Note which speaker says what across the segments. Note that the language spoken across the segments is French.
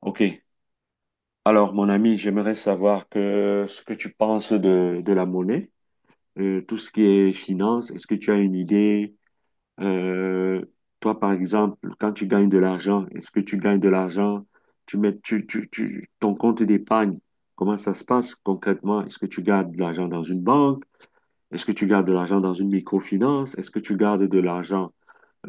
Speaker 1: Ok. Alors, mon ami, j'aimerais savoir que ce que tu penses de la monnaie, tout ce qui est finance. Est-ce que tu as une idée? Euh, Toi, par exemple, quand tu gagnes de l'argent, est-ce que tu gagnes de l'argent? Tu mets, ton compte d'épargne, comment ça se passe concrètement? Est-ce que tu gardes de l'argent dans une banque? Est-ce que tu gardes de l'argent dans une microfinance? Est-ce que tu gardes de l'argent,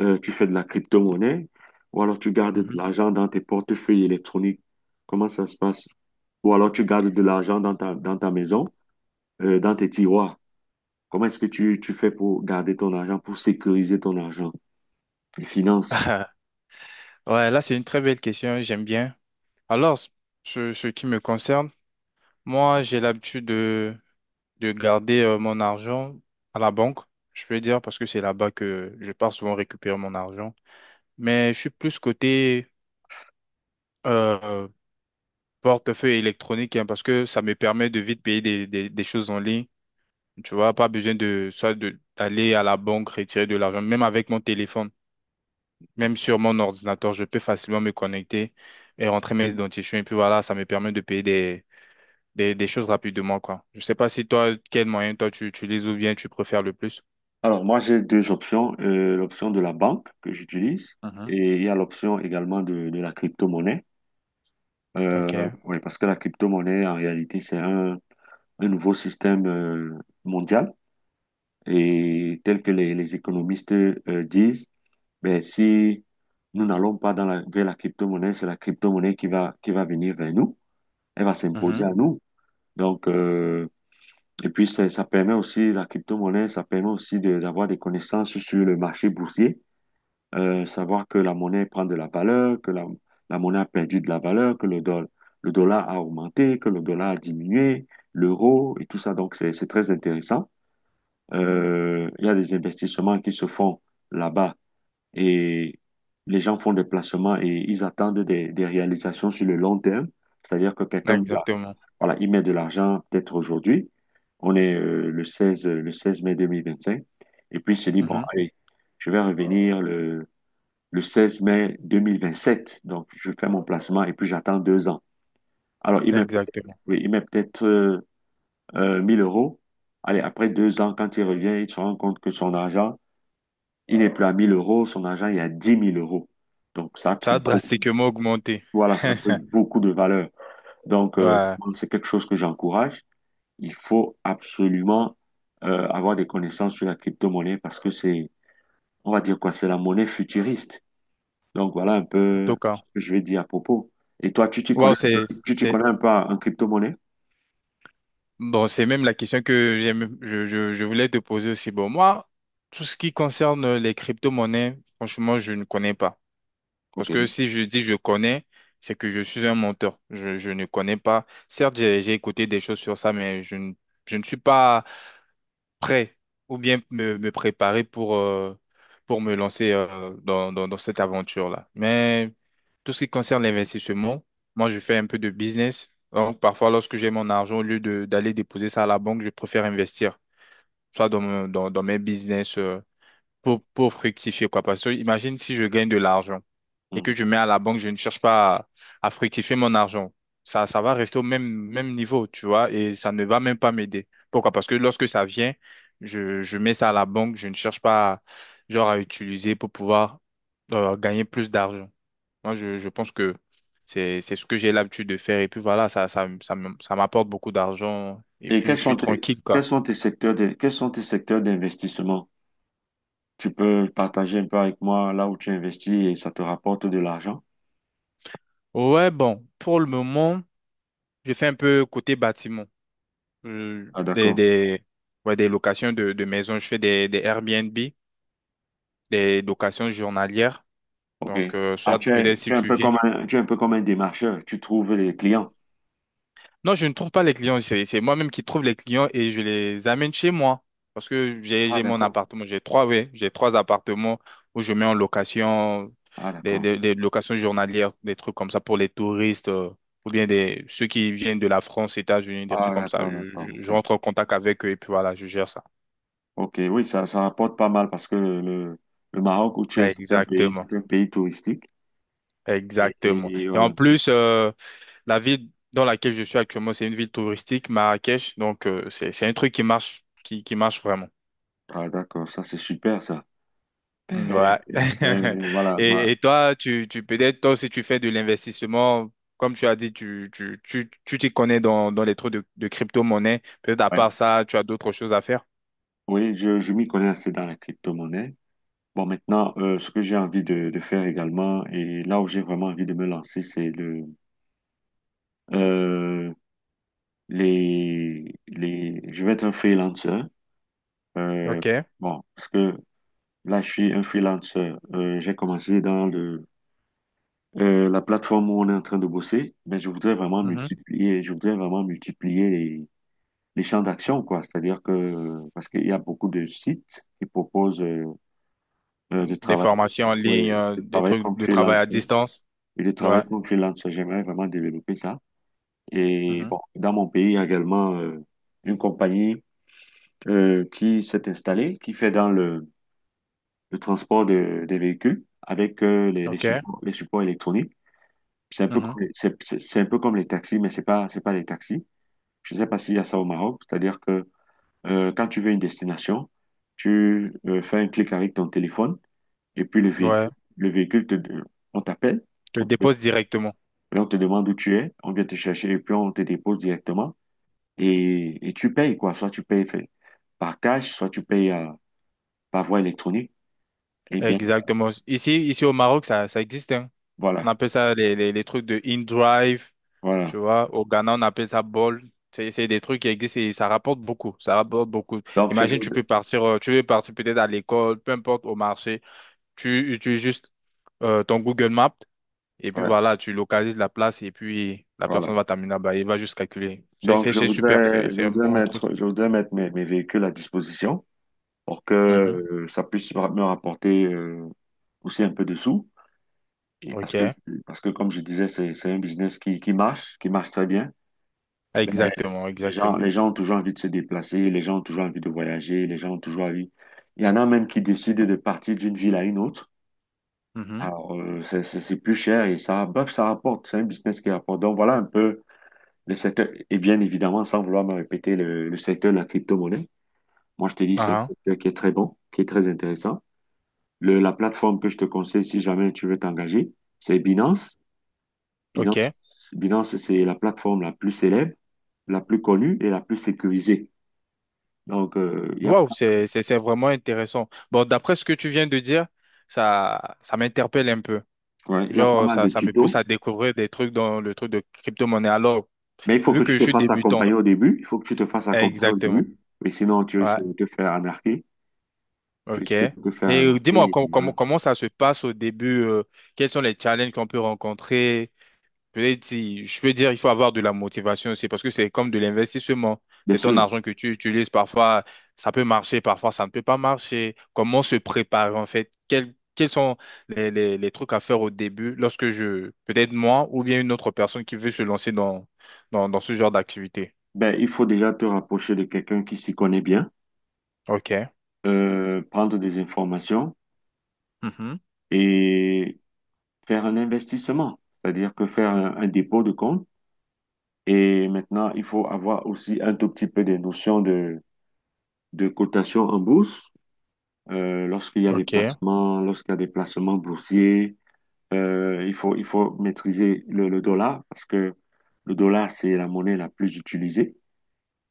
Speaker 1: tu fais de la crypto-monnaie, ou alors tu gardes de
Speaker 2: Mhm.
Speaker 1: l'argent dans tes portefeuilles électroniques. Comment ça se passe? Ou alors tu gardes de l'argent dans ta maison, dans tes tiroirs. Comment est-ce que tu fais pour garder ton argent, pour sécuriser ton argent, les finances?
Speaker 2: Ouais, là, c'est une très belle question, j'aime bien. Alors, ce qui me concerne, moi, j'ai l'habitude de garder mon argent à la banque, je peux dire, parce que c'est là-bas que je pars souvent récupérer mon argent. Mais je suis plus côté euh, portefeuille électronique, hein, parce que ça me permet de vite payer des choses en ligne. Tu vois, pas besoin de d'aller à la banque retirer de l'argent, même avec mon téléphone. Même sur mon ordinateur, je peux facilement me connecter et rentrer mes identifiants. Et puis voilà, ça me permet de payer des choses rapidement, quoi. Je sais pas si toi, quel moyen toi tu utilises ou bien tu préfères le plus.
Speaker 1: Alors moi, j'ai deux options. L'option de la banque que j'utilise
Speaker 2: Mhm,
Speaker 1: et il y a l'option également de la crypto-monnaie.
Speaker 2: OK.
Speaker 1: Oui, parce que la crypto-monnaie, en réalité, c'est un nouveau système mondial. Et tel que les économistes disent, ben, si nous n'allons pas vers la crypto-monnaie, c'est la crypto-monnaie qui va venir vers nous. Elle va s'imposer
Speaker 2: Mhm.
Speaker 1: à nous. Donc, et puis, ça permet aussi, la crypto-monnaie, ça permet aussi d'avoir des connaissances sur le marché boursier, savoir que la monnaie prend de la valeur, que la monnaie a perdu de la valeur, que le dollar a augmenté, que le dollar a diminué, l'euro et tout ça. Donc, c'est très intéressant. Il y a des investissements qui se font là-bas et les gens font des placements et ils attendent des réalisations sur le long terme. C'est-à-dire que quelqu'un, voilà,
Speaker 2: Exactement.
Speaker 1: voilà, il met de l'argent peut-être aujourd'hui. On est le 16 mai cinq Et puis il se dit, bon,
Speaker 2: Mhm.
Speaker 1: allez, je vais revenir le 16 mai deux mille vingt sept. Je fais mon placement et puis j'attends 2 ans. Alors, il met,
Speaker 2: Exactement.
Speaker 1: oui, il met peut-être 1000 euros. Allez, après 2 ans, quand il revient, il se rend compte que son argent, il n'est plus à 1 000 euros, son argent est à 10 000 euros. Donc, ça a pris
Speaker 2: Ça a
Speaker 1: beaucoup,
Speaker 2: drastiquement augmenté.
Speaker 1: voilà, ça a pris beaucoup de valeur. Donc,
Speaker 2: Ouais,
Speaker 1: c'est quelque chose que j'encourage. Il faut absolument avoir des connaissances sur la crypto-monnaie parce que c'est, on va dire quoi, c'est la monnaie futuriste. Donc, voilà un
Speaker 2: en
Speaker 1: peu
Speaker 2: tout
Speaker 1: ce
Speaker 2: cas.
Speaker 1: que je vais dire à propos. Et toi, tu t'y connais
Speaker 2: Waouh,
Speaker 1: un peu,
Speaker 2: c'est,
Speaker 1: tu t'y
Speaker 2: c'est,
Speaker 1: connais un peu en crypto-monnaie?
Speaker 2: bon, c'est même la question que j'aime, je voulais te poser aussi. Bon, moi, tout ce qui concerne les crypto-monnaies, franchement, je ne connais pas. Parce que
Speaker 1: OK.
Speaker 2: si je dis je connais, c'est que je suis un menteur. Je ne connais pas. Certes, j'ai écouté des choses sur ça, mais je ne suis pas prêt ou bien me préparer pour me lancer dans cette aventure-là. Mais tout ce qui concerne l'investissement, moi, je fais un peu de business. Donc, parfois, lorsque j'ai mon argent, au lieu d'aller déposer ça à la banque, je préfère investir, soit dans mes business pour fructifier, quoi. Parce que imagine si je gagne de l'argent et que je
Speaker 1: Mhm.
Speaker 2: mets à la banque, je ne cherche pas à fructifier mon argent. Ça va rester au même niveau, tu vois, et ça ne va même pas m'aider. Pourquoi? Parce que lorsque ça vient, je mets ça à la banque, je ne cherche pas, genre, à utiliser pour pouvoir gagner plus d'argent. Moi, je pense que c'est ce que j'ai l'habitude de faire. Et puis voilà, ça m'apporte beaucoup d'argent. Et
Speaker 1: Et
Speaker 2: puis, je suis tranquille, quoi.
Speaker 1: quels sont tes secteurs d'investissement? Tu peux partager un peu avec moi là où tu investis et ça te rapporte de l'argent?
Speaker 2: Ouais, bon, pour le moment, je fais un peu côté bâtiment. euh,
Speaker 1: Ah,
Speaker 2: des,
Speaker 1: d'accord.
Speaker 2: des, ouais, des locations de maisons. Je fais des Airbnb, des locations journalières.
Speaker 1: OK.
Speaker 2: Donc,
Speaker 1: Ah,
Speaker 2: soit
Speaker 1: tu es,
Speaker 2: peut-être si
Speaker 1: tu es un
Speaker 2: tu
Speaker 1: peu
Speaker 2: viens.
Speaker 1: comme un, tu es un peu comme un démarcheur. Tu trouves les clients.
Speaker 2: Non, je ne trouve pas les clients. C'est moi-même qui trouve les clients et je les amène chez moi. Parce que
Speaker 1: Ah,
Speaker 2: j'ai mon
Speaker 1: d'accord.
Speaker 2: appartement. J'ai trois, oui. J'ai trois appartements où je mets en location
Speaker 1: Ah, d'accord.
Speaker 2: des locations journalières, des trucs comme ça pour les touristes. Ou bien des, ceux qui viennent de la France, États-Unis, des
Speaker 1: Ah,
Speaker 2: trucs comme ça.
Speaker 1: d'accord, d'accord.
Speaker 2: Je
Speaker 1: OK.
Speaker 2: rentre en contact avec eux et puis voilà, je gère ça.
Speaker 1: OK, oui, ça rapporte pas mal parce que le Maroc où tu es,
Speaker 2: Exactement.
Speaker 1: c'est un pays touristique.
Speaker 2: Exactement.
Speaker 1: Et
Speaker 2: Et en
Speaker 1: voilà.
Speaker 2: plus, la ville dans laquelle je suis actuellement, c'est une ville touristique, Marrakech. Donc, c'est un truc qui marche, qui marche vraiment.
Speaker 1: Ah, d'accord. Ça, c'est super, ça.
Speaker 2: Mm, ouais.
Speaker 1: Mais, mais voilà.
Speaker 2: Et toi, tu peut-être, toi si tu fais de l'investissement. Comme tu as dit, tu t'y connais dans les trucs de crypto-monnaie. Peut-être à
Speaker 1: Ouais.
Speaker 2: part ça, tu as d'autres choses à faire.
Speaker 1: Oui, je m'y connais assez dans la crypto-monnaie. Bon, maintenant, ce que j'ai envie de faire également, et là où j'ai vraiment envie de me lancer, c'est euh, je vais être un freelancer. Euh,
Speaker 2: OK.
Speaker 1: bon, parce que là, je suis un freelancer. J'ai commencé dans la plateforme où on est en train de bosser, mais je voudrais vraiment
Speaker 2: Mhm.
Speaker 1: multiplier, je voudrais vraiment multiplier les champs d'action, quoi. C'est-à-dire que, parce qu'il y a beaucoup de sites qui proposent de
Speaker 2: Des
Speaker 1: travailler,
Speaker 2: formations en
Speaker 1: ouais,
Speaker 2: ligne,
Speaker 1: de
Speaker 2: des
Speaker 1: travailler
Speaker 2: trucs
Speaker 1: comme
Speaker 2: de travail à
Speaker 1: freelancer.
Speaker 2: distance.
Speaker 1: Et de travailler
Speaker 2: Ouais.
Speaker 1: comme freelance, j'aimerais vraiment développer ça. Et
Speaker 2: Mhm.
Speaker 1: bon, dans mon pays, il y a également une compagnie qui s'est installée, qui fait dans le transport des véhicules avec
Speaker 2: OK.
Speaker 1: les supports électroniques. C'est un peu
Speaker 2: Mhm.
Speaker 1: comme c'est un peu comme les taxis, mais c'est pas des taxis. Je sais pas s'il y a ça au Maroc. C'est-à-dire que quand tu veux une destination, tu fais un clic avec ton téléphone et puis
Speaker 2: Ouais.
Speaker 1: le véhicule on t'appelle.
Speaker 2: Tu le déposes directement.
Speaker 1: Et on te demande où tu es, on vient te chercher et puis on te dépose directement. Et tu payes, quoi. Soit tu payes par cash, soit tu payes par voie électronique. Eh bien,
Speaker 2: Exactement. Ici au Maroc, ça existe, hein. On
Speaker 1: voilà,
Speaker 2: appelle ça les trucs de in-drive,
Speaker 1: voilà.
Speaker 2: tu vois. Au Ghana, on appelle ça ball. C'est des trucs qui existent et ça rapporte beaucoup. Ça rapporte beaucoup.
Speaker 1: Donc,
Speaker 2: Imagine, tu peux partir, tu veux partir peut-être à l'école, peu importe, au marché. Tu utilises juste ton Google Maps et puis
Speaker 1: ouais,
Speaker 2: voilà, tu localises la place et puis la
Speaker 1: voilà.
Speaker 2: personne va t'amener là-bas. Il va juste calculer.
Speaker 1: Donc,
Speaker 2: C'est super. C'est un bon truc.
Speaker 1: je voudrais mettre mes véhicules à disposition pour que
Speaker 2: Mhm.
Speaker 1: ça puisse me rapporter aussi un peu de sous. Et parce que,
Speaker 2: OK.
Speaker 1: parce que comme je disais, c'est un business qui marche très bien.
Speaker 2: Exactement, exactement.
Speaker 1: Les gens ont toujours envie de se déplacer, les gens ont toujours envie de voyager, les gens ont toujours envie. Il y en a même qui décident de partir d'une ville à une autre.
Speaker 2: Mhm.
Speaker 1: Alors, c'est plus cher et ça, bref, ça rapporte. C'est un business qui rapporte. Donc, voilà un peu le secteur. Et bien évidemment, sans vouloir me répéter, le secteur de la crypto-monnaie. Moi, je te dis, c'est un
Speaker 2: Ah,
Speaker 1: secteur qui est très bon, qui est très intéressant. La plateforme que je te conseille si jamais tu veux t'engager, c'est Binance. Binance,
Speaker 2: OK.
Speaker 1: Binance, c'est la plateforme la plus célèbre, la plus connue et la plus sécurisée. Donc, il y a
Speaker 2: Waouh, c'est vraiment intéressant. Bon, d'après ce que tu viens de dire, ça m'interpelle un peu.
Speaker 1: Ouais, il y a pas
Speaker 2: Genre,
Speaker 1: mal
Speaker 2: ça,
Speaker 1: de
Speaker 2: ça me pousse
Speaker 1: tutos,
Speaker 2: à découvrir des trucs dans le truc de crypto-monnaie. Alors,
Speaker 1: mais il faut que
Speaker 2: vu que
Speaker 1: tu
Speaker 2: je
Speaker 1: te
Speaker 2: suis
Speaker 1: fasses
Speaker 2: débutant,
Speaker 1: accompagner au début. Il faut que tu te fasses accompagner au
Speaker 2: exactement.
Speaker 1: début, mais sinon tu
Speaker 2: Ouais,
Speaker 1: risques de te faire anarquer. Tu
Speaker 2: ok.
Speaker 1: risques de te faire
Speaker 2: Et dis-moi,
Speaker 1: anarquer. Et
Speaker 2: comment
Speaker 1: voilà.
Speaker 2: comment ça se passe au début? Euh, quels sont les challenges qu'on peut rencontrer? Peut-être je peux dire, il faut avoir de la motivation aussi parce que c'est comme de l'investissement.
Speaker 1: Bien
Speaker 2: C'est ton
Speaker 1: sûr,
Speaker 2: argent que tu utilises. Parfois, ça peut marcher, parfois, ça ne peut pas marcher. Comment se préparer en fait? Quels sont les trucs à faire au début lorsque je, peut-être moi ou bien une autre personne qui veut se lancer dans ce genre d'activité?
Speaker 1: ben, il faut déjà te rapprocher de quelqu'un qui s'y connaît bien,
Speaker 2: OK.
Speaker 1: prendre des informations
Speaker 2: Mhm.
Speaker 1: et faire un investissement, c'est-à-dire que faire un dépôt de compte. Et maintenant, il faut avoir aussi un tout petit peu des notions de cotation en bourse, lorsqu'il y a des
Speaker 2: OK.
Speaker 1: placements, lorsqu'il y a des placements boursiers. Il faut maîtriser le dollar parce que le dollar, c'est la monnaie la plus utilisée.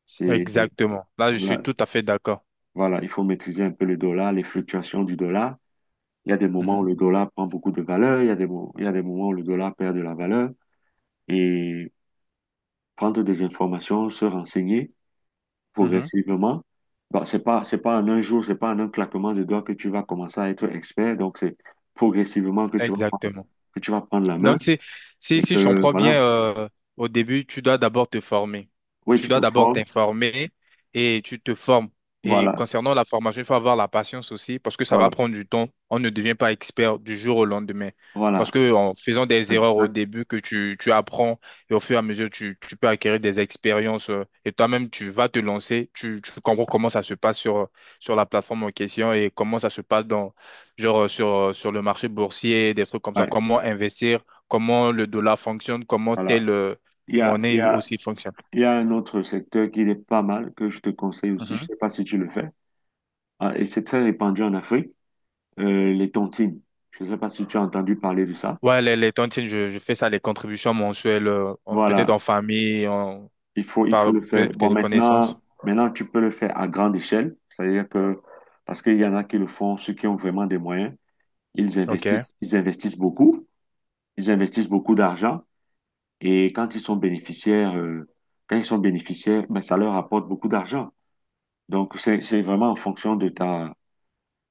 Speaker 1: C'est,
Speaker 2: Exactement. Là, je suis
Speaker 1: voilà,
Speaker 2: tout à fait d'accord.
Speaker 1: voilà, il faut maîtriser un peu le dollar, les fluctuations du dollar. Il y a des moments où
Speaker 2: Mhm.
Speaker 1: le dollar prend beaucoup de valeur, il y a il y a des moments où le dollar perd de la valeur. Et prendre des informations, se renseigner
Speaker 2: Mhm.
Speaker 1: progressivement. Bon, c'est pas en un jour, c'est pas en un claquement de doigts que tu vas commencer à être expert. Donc, c'est progressivement que tu vas prendre,
Speaker 2: Exactement.
Speaker 1: que tu vas prendre la main
Speaker 2: Donc, c'est,
Speaker 1: et
Speaker 2: si je
Speaker 1: que,
Speaker 2: comprends bien,
Speaker 1: voilà.
Speaker 2: au début, tu dois d'abord te former.
Speaker 1: Oui,
Speaker 2: Tu
Speaker 1: tu te
Speaker 2: dois d'abord
Speaker 1: formes.
Speaker 2: t'informer et tu te formes. Et
Speaker 1: Voilà,
Speaker 2: concernant la formation, il faut avoir la patience aussi parce que ça va
Speaker 1: voilà,
Speaker 2: prendre du temps. On ne devient pas expert du jour au lendemain.
Speaker 1: voilà.
Speaker 2: Parce que en faisant des erreurs au
Speaker 1: Exact-
Speaker 2: début que tu apprends et au fur et à mesure, tu peux acquérir des expériences et toi-même, tu vas te lancer. Tu comprends comment ça se passe sur la plateforme en question et comment ça se passe dans, genre, sur, sur le marché boursier, des trucs comme ça,
Speaker 1: ouais,
Speaker 2: comment investir comment le dollar fonctionne, comment
Speaker 1: voilà.
Speaker 2: telle
Speaker 1: Il y a, il y
Speaker 2: monnaie
Speaker 1: a,
Speaker 2: aussi fonctionne.
Speaker 1: il y a un autre secteur qui est pas mal, que je te conseille aussi. Je
Speaker 2: Mhm.
Speaker 1: sais pas si tu le fais. Ah, et c'est très répandu en Afrique, les tontines. Je sais pas si tu as entendu parler de ça.
Speaker 2: Ouais, les tontines, je fais ça, les contributions mensuelles, peut-être en
Speaker 1: Voilà,
Speaker 2: famille, en,
Speaker 1: il faut
Speaker 2: par
Speaker 1: le faire.
Speaker 2: peut-être que
Speaker 1: Bon,
Speaker 2: les connaissances.
Speaker 1: maintenant, tu peux le faire à grande échelle. C'est-à-dire que, parce qu'il y en a qui le font, ceux qui ont vraiment des moyens,
Speaker 2: Ok,
Speaker 1: ils investissent beaucoup. Ils investissent beaucoup d'argent. Et quand ils sont bénéficiaires, quand ils sont bénéficiaires, ben, ça leur apporte beaucoup d'argent. Donc, c'est vraiment en fonction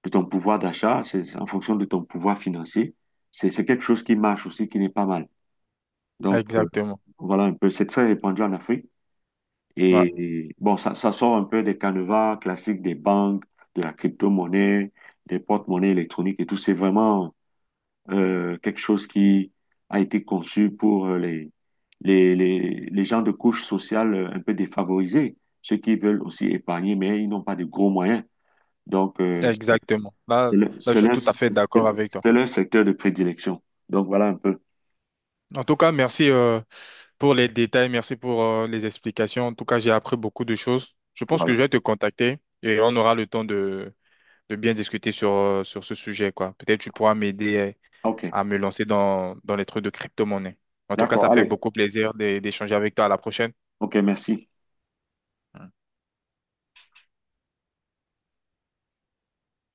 Speaker 1: de ton pouvoir d'achat, c'est en fonction de ton pouvoir financier. C'est quelque chose qui marche aussi, qui n'est pas mal. Donc,
Speaker 2: exactement.
Speaker 1: voilà un peu. C'est très répandu en Afrique.
Speaker 2: Ouais,
Speaker 1: Et bon, ça sort un peu des canevas classiques des banques, de la crypto-monnaie, des porte-monnaies électroniques et tout. C'est vraiment, quelque chose qui a été conçu pour les gens de couche sociale un peu défavorisés, ceux qui veulent aussi épargner, mais ils n'ont pas de gros moyens. Donc,
Speaker 2: exactement. Là,
Speaker 1: c'est le-
Speaker 2: là,
Speaker 1: c'est
Speaker 2: je suis
Speaker 1: leur,
Speaker 2: tout à fait d'accord avec toi.
Speaker 1: c'est leur secteur de prédilection. Donc, voilà un peu.
Speaker 2: En tout cas, merci pour les détails, merci pour les explications. En tout cas, j'ai appris beaucoup de choses. Je pense que
Speaker 1: Voilà.
Speaker 2: je vais te contacter et on aura le temps de bien discuter sur, sur ce sujet, quoi. Peut-être tu pourras m'aider
Speaker 1: OK.
Speaker 2: à me lancer dans, dans les trucs de crypto-monnaie. En tout cas, ça
Speaker 1: D'accord.
Speaker 2: fait
Speaker 1: Allez.
Speaker 2: beaucoup plaisir d'échanger avec toi. À la prochaine.
Speaker 1: OK, merci.